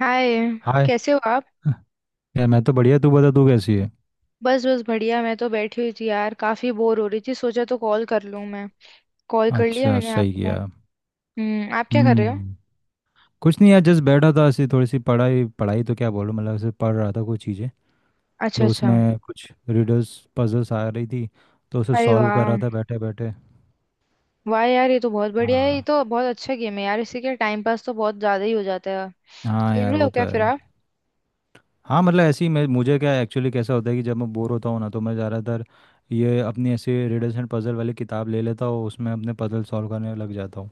हाय। Hi. कैसे हो आप। यार मैं तो बढ़िया। तू बता, तू कैसी है? बस बस बढ़िया। मैं तो बैठी हुई थी यार, काफी बोर हो रही थी, सोचा तो कॉल कर लूं मैं। कॉल कर लिया अच्छा, मैंने सही आपको। किया। हम्म, आप क्या कर रहे हो। हम्म। कुछ नहीं यार, जस्ट बैठा था, ऐसी थोड़ी सी पढ़ाई। पढ़ाई तो क्या बोलूं, मतलब ऐसे पढ़ रहा था कुछ चीज़ें। अच्छा तो अच्छा। उसमें कुछ रिडल्स पजल्स आ रही थी, तो उसे अरे सॉल्व कर वाह। रहा था बैठे बैठे। वाह यार, ये तो बहुत बढ़िया है, ये हाँ। तो बहुत अच्छा गेम है यार, इससे क्या टाइम पास तो बहुत ज्यादा ही हो जाता है। हाँ खेल यार, रहे वो हो तो क्या फिर है। आप। हाँ मतलब ऐसे ही, मैं मुझे क्या, एक्चुअली कैसा होता है कि जब मैं बोर होता हूँ ना, तो मैं ज़्यादातर ये अपनी ऐसे रिडल्स एंड पजल वाली किताब ले लेता हूँ, उसमें अपने पजल सॉल्व करने लग जाता हूँ।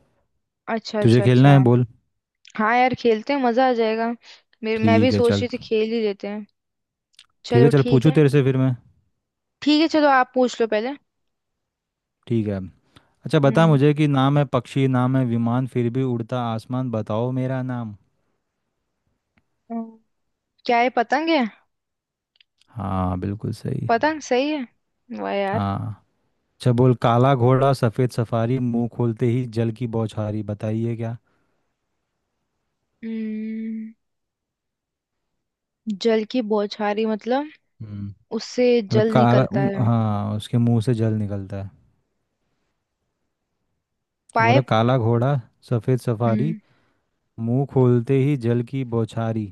अच्छा तुझे अच्छा खेलना अच्छा। है, बोल। हाँ यार, खेलते हैं, मजा आ जाएगा। मेरे मैं भी ठीक है, सोच चल। रही थी, खेल ही लेते हैं। ठीक है चलो चल, ठीक पूछूं है। तेरे से फिर मैं। ठीक है, चलो आप पूछ लो पहले। ठीक है। अच्छा बता हम्म मुझे कि नाम है पक्षी, नाम है विमान, फिर भी उड़ता आसमान। बताओ मेरा नाम। हम्म, क्या है, पतंग है। हाँ, बिल्कुल सही। पतंग सही है। वाह यार। हाँ। अच्छा बोल, काला घोड़ा सफेद सफारी, मुंह खोलते ही जल की बौछारी। बताइए क्या। हम्म, जल की बौछारी मतलब। हम्म। उससे मतलब जल काला निकलता है, हाँ, उसके मुंह से जल निकलता है। बोल रहा, पाइप। काला घोड़ा सफेद सफारी, हम्म। मुंह खोलते ही जल की बौछारी।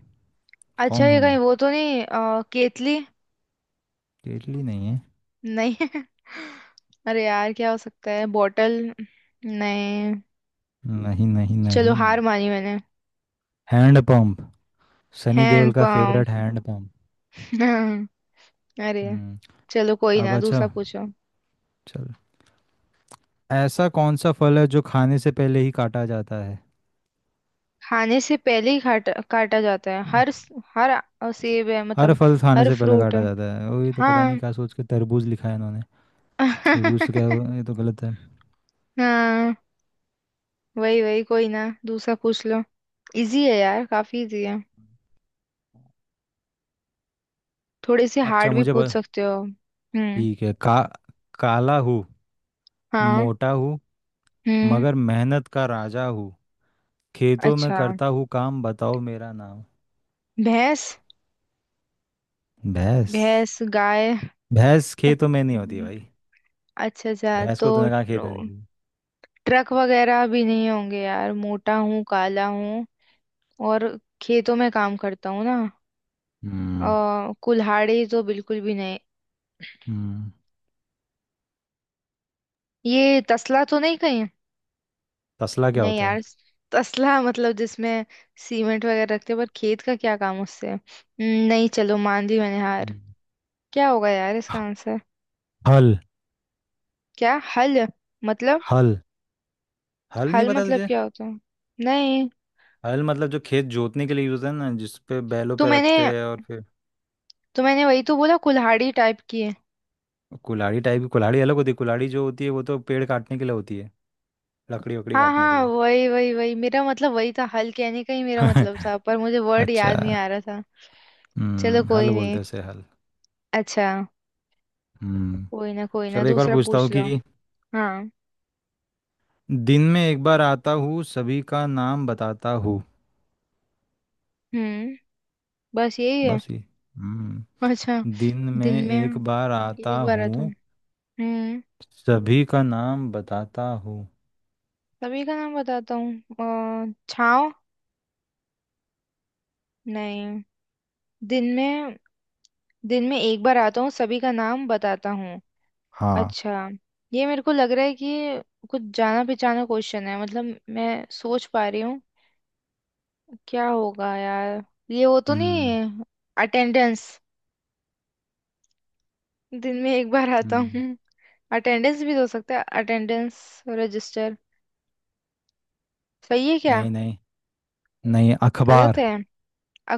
अच्छा, कौन ये हूँ कहीं मैं? वो तो नहीं, केतली। टेटली नहीं है। नहीं। अरे यार, क्या हो सकता है, बॉटल। नहीं। नहीं, नहीं, चलो हार नहीं। मानी मैंने। Hand pump. Sunny Deol hand का फेवरेट पंप। Hand pump. अरे। हम्म। चलो कोई अब ना, अच्छा। दूसरा पूछो। चल। ऐसा कौन सा फल है जो खाने से पहले ही काटा जाता है? खाने से पहले ही काटा काटा जाता है, हर, सेब है हर मतलब। फल खाने हर से पहले फ्रूट काटा है। जाता है, वही तो, पता नहीं हाँ। क्या सोच के तरबूज लिखा है इन्होंने। तरबूज तो ये तो गलत है। हाँ वही वही, कोई ना दूसरा पूछ लो। इजी है यार, काफी इजी है। थोड़े से अच्छा, हार्ड भी मुझे पूछ सकते हो। हम्म। ठीक है। का काला हूँ, हाँ। मोटा हूँ, हम्म। मगर मेहनत का राजा हूँ। खेतों में अच्छा, करता हूँ काम। बताओ मेरा नाम। भैंस। भैंस? भैंस गाय। भैंस खेतों में नहीं होती भाई। अच्छा अच्छा भैंस तो, को तूने कहा खेत में देखी? ट्रक वगैरह भी नहीं होंगे यार, मोटा हूँ काला हूँ, और खेतों में काम करता हूँ ना। हम्म। कुल्हाड़ी तो बिल्कुल भी नहीं। हम्म। ये तसला तो नहीं कहीं। तसला क्या नहीं होता है? यार, तसला मतलब जिसमें सीमेंट वगैरह रखते हैं, पर खेत का क्या काम उससे। नहीं, चलो मान ली मैंने हार। हम्म। क्या होगा यार इसका ह- आंसर। हल, क्या हल मतलब। हल। हल नहीं हल पता मतलब तुझे? क्या होता है। नहीं। हल मतलब जो खेत जोतने के लिए यूज है ना, जिस पे बैलों तो पे मैंने रखते हैं, और फिर। तो मैंने वही तो बोला, कुल्हाड़ी टाइप की है। कुल्हाड़ी टाइप की, कुल्हाड़ी अलग होती है। कुल्हाड़ी जो होती है, वो तो पेड़ काटने के लिए होती है। लकड़ी वकड़ी हाँ काटने के हाँ, लिए। वही वही वही मेरा मतलब, वही था, हल कहने का ही मेरा मतलब था, पर मुझे वर्ड याद नहीं आ अच्छा। रहा था। चलो हम्म, हल कोई नहीं। बोलते हैं उसे, हल। अच्छा। हम्म। कोई ना चलो एक और दूसरा पूछता पूछ हूँ लो। कि। हाँ। दिन में एक बार आता हूँ, सभी का नाम बताता हूँ। हम्म। बस यही है। बस ये, हम्म। अच्छा। दिन में दिन में एक बार आता एक बार है तुम। हूँ, हम्म। सभी का नाम बताता हूँ। सभी का नाम बताता हूँ। छाँव। नहीं। दिन में दिन में एक बार आता हूँ सभी का नाम बताता हूँ। हाँ। अच्छा। ये मेरे को लग रहा है कि ये कुछ जाना पहचाना क्वेश्चन है मतलब, मैं सोच पा रही हूँ क्या होगा यार। ये वो तो हम्म। नहीं, अटेंडेंस। दिन में एक बार आता हम्म। हूँ। अटेंडेंस भी तो हो सकता है, अटेंडेंस रजिस्टर। सही है क्या। नहीं, नहीं, नहीं। गलत अखबार। है।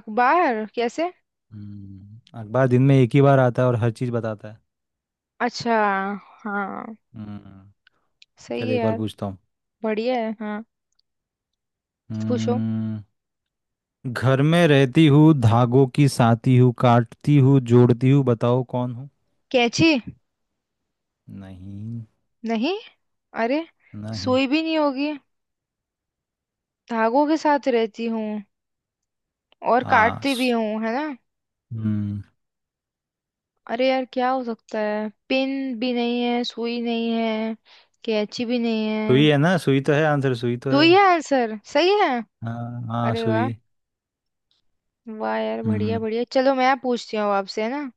अखबार कैसे। अखबार दिन में एक ही बार आता है और हर चीज़ बताता है। अच्छा। हाँ। हम्म। सही है चलिए एक और यार। पूछता हूँ। बढ़िया है हाँ। पूछो। हम्म। घर में रहती हूँ, धागों की साती हूँ, काटती हूँ जोड़ती हूँ, बताओ कौन हूँ। कैंची। नहीं। नहीं। अरे। नहीं। सुई भी नहीं होगी। धागों के साथ रहती हूँ और हाँ, काटती भी हूँ है ना। हम्म। अरे यार क्या हो सकता है, पिन भी नहीं है, सुई नहीं है, कैंची भी नहीं सुई है। है ना, सुई तो है आंसर, सुई तो है। सुई है आंसर, सही है। हाँ, हाँ, अरे वाह। सुई। वाह यार, बढ़िया हम्म। बढ़िया। चलो मैं पूछती हूँ अब आपसे है ना।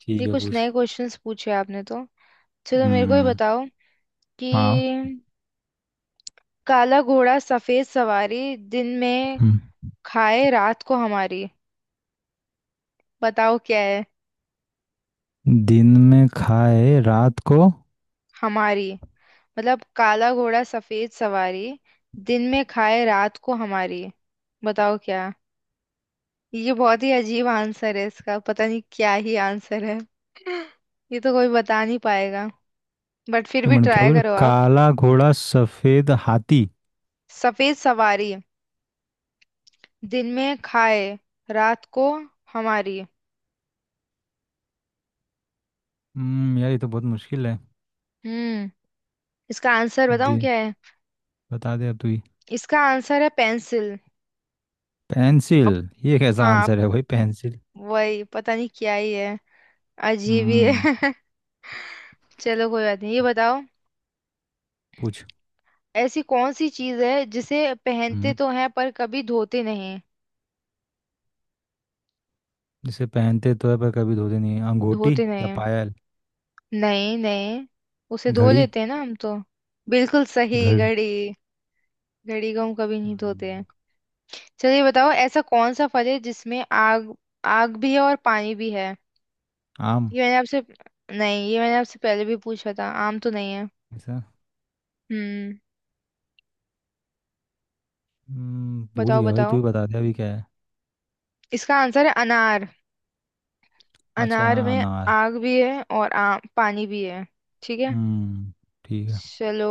ठीक ये है, कुछ पूछ। नए क्वेश्चंस पूछे आपने तो। चलो मेरे को ही हम्म। बताओ हाँ। कि काला घोड़ा सफेद सवारी, दिन में हम्म। खाए रात को हमारी, बताओ क्या है। दिन में खाए रात को। हमारी मतलब, काला घोड़ा सफेद सवारी, दिन में खाए रात को हमारी, बताओ क्या। ये बहुत ही अजीब आंसर है इसका, पता नहीं क्या ही आंसर है। ये तो कोई बता नहीं पाएगा, बट फिर ये भी मैंने क्या ट्राई बोले, करो आप। काला घोड़ा सफेद हाथी। सफेद सवारी, दिन में खाए, रात को हमारी। यार, ये तो बहुत मुश्किल है। हम्म। इसका आंसर बताऊं दे। क्या है। बता दे अब तू ही। इसका आंसर है पेंसिल। अब, पेंसिल? ये कैसा हाँ, आंसर है भाई, पेंसिल? वही पता नहीं क्या ही है, अजीब ही हम्म। है। चलो कोई बात नहीं, ये बताओ। पूछ। ऐसी कौन सी चीज है जिसे पहनते हम्म। तो हैं पर कभी धोते नहीं। जिसे पहनते तो है पर कभी धोते नहीं है। अंगूठी? धोते नहीं या हैं? पायल? नहीं नहीं, उसे धो घड़ी। लेते हैं ना हम तो। बिल्कुल सही, घड़ी। घड़ी। घड़ी को हम कभी नहीं धोते हम्म, हैं। चलिए बताओ, ऐसा कौन सा फल है जिसमें आग, आग भी है और पानी भी है। आम। ये मैंने आपसे नहीं, ये मैंने आपसे पहले भी पूछा था, आम तो नहीं है। ऐसा, हम्म। भूल बताओ गया भाई, तू बताओ। ही बता दे अभी क्या है। इसका आंसर है अनार। अच्छा अनार हाँ, में अनार। आग भी है और आम पानी भी है। ठीक है। हम्म, ठीक है। चलो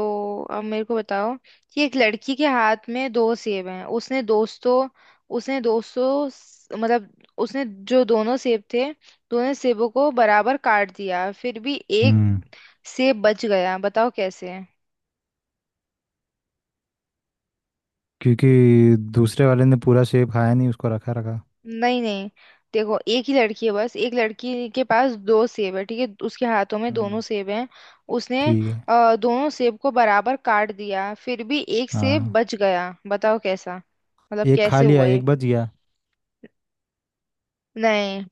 अब मेरे को बताओ कि एक लड़की के हाथ में दो सेब हैं। मतलब उसने जो दोनों सेब थे, दोनों सेबों को बराबर काट दिया, फिर भी एक हम्म। सेब बच गया, बताओ कैसे। क्योंकि दूसरे वाले ने पूरा सेब खाया नहीं, उसको रखा रखा। नहीं नहीं, देखो एक ही लड़की है, बस एक लड़की के पास दो सेब है, ठीक है, उसके हाथों में दोनों हम्म। सेब हैं। उसने, ठीक है। दोनों सेब को बराबर काट दिया, फिर भी एक सेब हाँ। बच गया, बताओ कैसा। मतलब एक खा कैसे लिया हुआ ये। एक बच गया। नहीं,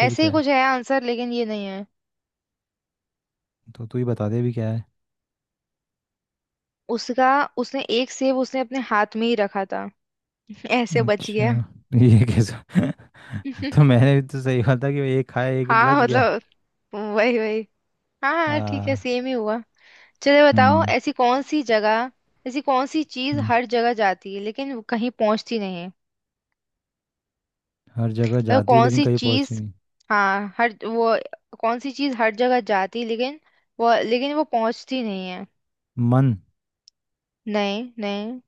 फिर ही क्या है? कुछ है आंसर, लेकिन ये नहीं है। तो तू ही बता दे अभी क्या है। उसका उसने एक सेब, उसने अपने हाथ में ही रखा था। ऐसे बच अच्छा। गया। ये कैसा तो मैंने भी तो सही बात था कि एक खाया एक हाँ बच गया। मतलब, वही वही। हाँ हाँ, ठीक है, हाँ। सेम ही हुआ। चलिए बताओ, हम्म। ऐसी कौन सी चीज हम्म, हर जगह जाती है लेकिन वो कहीं पहुंचती नहीं है। हर जगह मतलब जाती है कौन लेकिन सी कहीं पहुंचती चीज। नहीं। हाँ हर वो कौन सी चीज हर जगह जाती है लेकिन, वो पहुंचती नहीं है। मन। नहीं नहीं,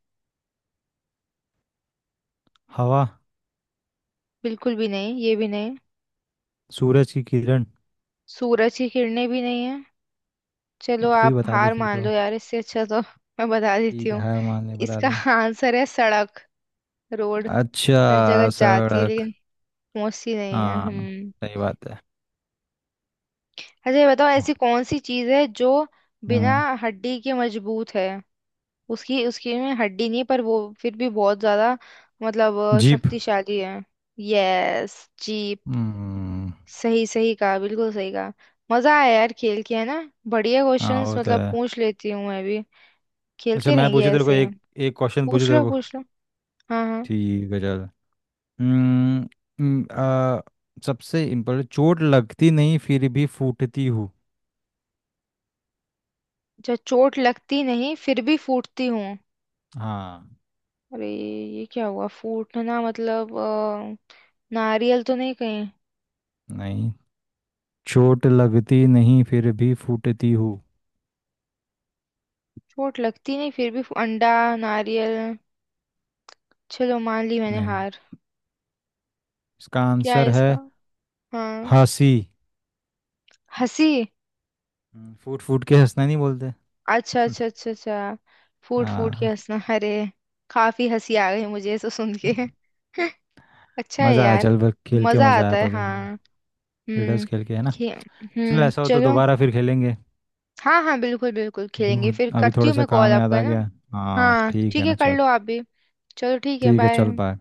हवा। बिल्कुल भी नहीं, ये भी नहीं। सूरज की किरण। सूरज की किरणें भी नहीं। चलो अब तू ही आप बता दे हार फिर मान तो। लो यार, इससे अच्छा तो मैं बता देती ठीक है, हूँ। हार मान ले, बता इसका दे। आंसर है सड़क, रोड। हर जगह अच्छा, जाती है सड़क। लेकिन पहुंचती नहीं है हाँ। हम। सही बात है। अच्छा ये बताओ, ऐसी कौन सी चीज है जो बिना हम्म। हड्डी के मजबूत है। उसकी उसकी में हड्डी नहीं पर वो फिर भी बहुत ज्यादा, मतलब जीप। शक्तिशाली है। Yes, jeep. हम्म। सही सही कहा, बिल्कुल सही कहा। मजा आया यार खेल के है ना। बढ़िया हाँ, क्वेश्चंस वो तो मतलब है। पूछ लेती हूँ मैं भी। अच्छा खेलते मैं रहेंगे पूछू तेरे को ऐसे। एक, एक क्वेश्चन पूछू पूछ तेरे लो को। पूछ लो। हाँ हाँ। ठीक है, चल। हम्म, हम्म, आ, सबसे इम्पोर्टेंट, चोट लगती नहीं फिर भी फूटती हूँ। जब चोट लगती नहीं फिर भी फूटती हूँ। हाँ। अरे ये क्या हुआ, फूटना मतलब, नारियल तो नहीं कहीं। नहीं। चोट लगती नहीं फिर भी फूटती हूँ। चोट लगती नहीं फिर भी अंडा, नारियल। चलो मान ली मैंने नहीं। हार। इसका क्या है आंसर है इसका। हाँ। हंसी। हंसी। फूट फूट के हंसना नहीं बोलते। अच्छा हम्म, अच्छा अच्छा अच्छा। फूट फूट के हाँ, हंसना, अरे काफी हंसी आ गई मुझे इसको सुन के। अच्छा है मज़ा आया। यार। चल, बस खेल के मजा मज़ा आता आया, है पजल, हाँ। रिडल्स हम्म। खेल के, है ना? खे- चल, हम्म, ऐसा हो तो चलो। दोबारा फिर खेलेंगे। हाँ हाँ, बिल्कुल बिल्कुल, अभी खेलेंगे फिर, अभी करती थोड़ा हूँ सा मैं कॉल काम याद आपको है आ ना। गया। हाँ, हाँ ठीक ठीक है है, ना, कर चल। लो आप भी। चलो ठीक है, ठीक है, चल, बाय। बाय।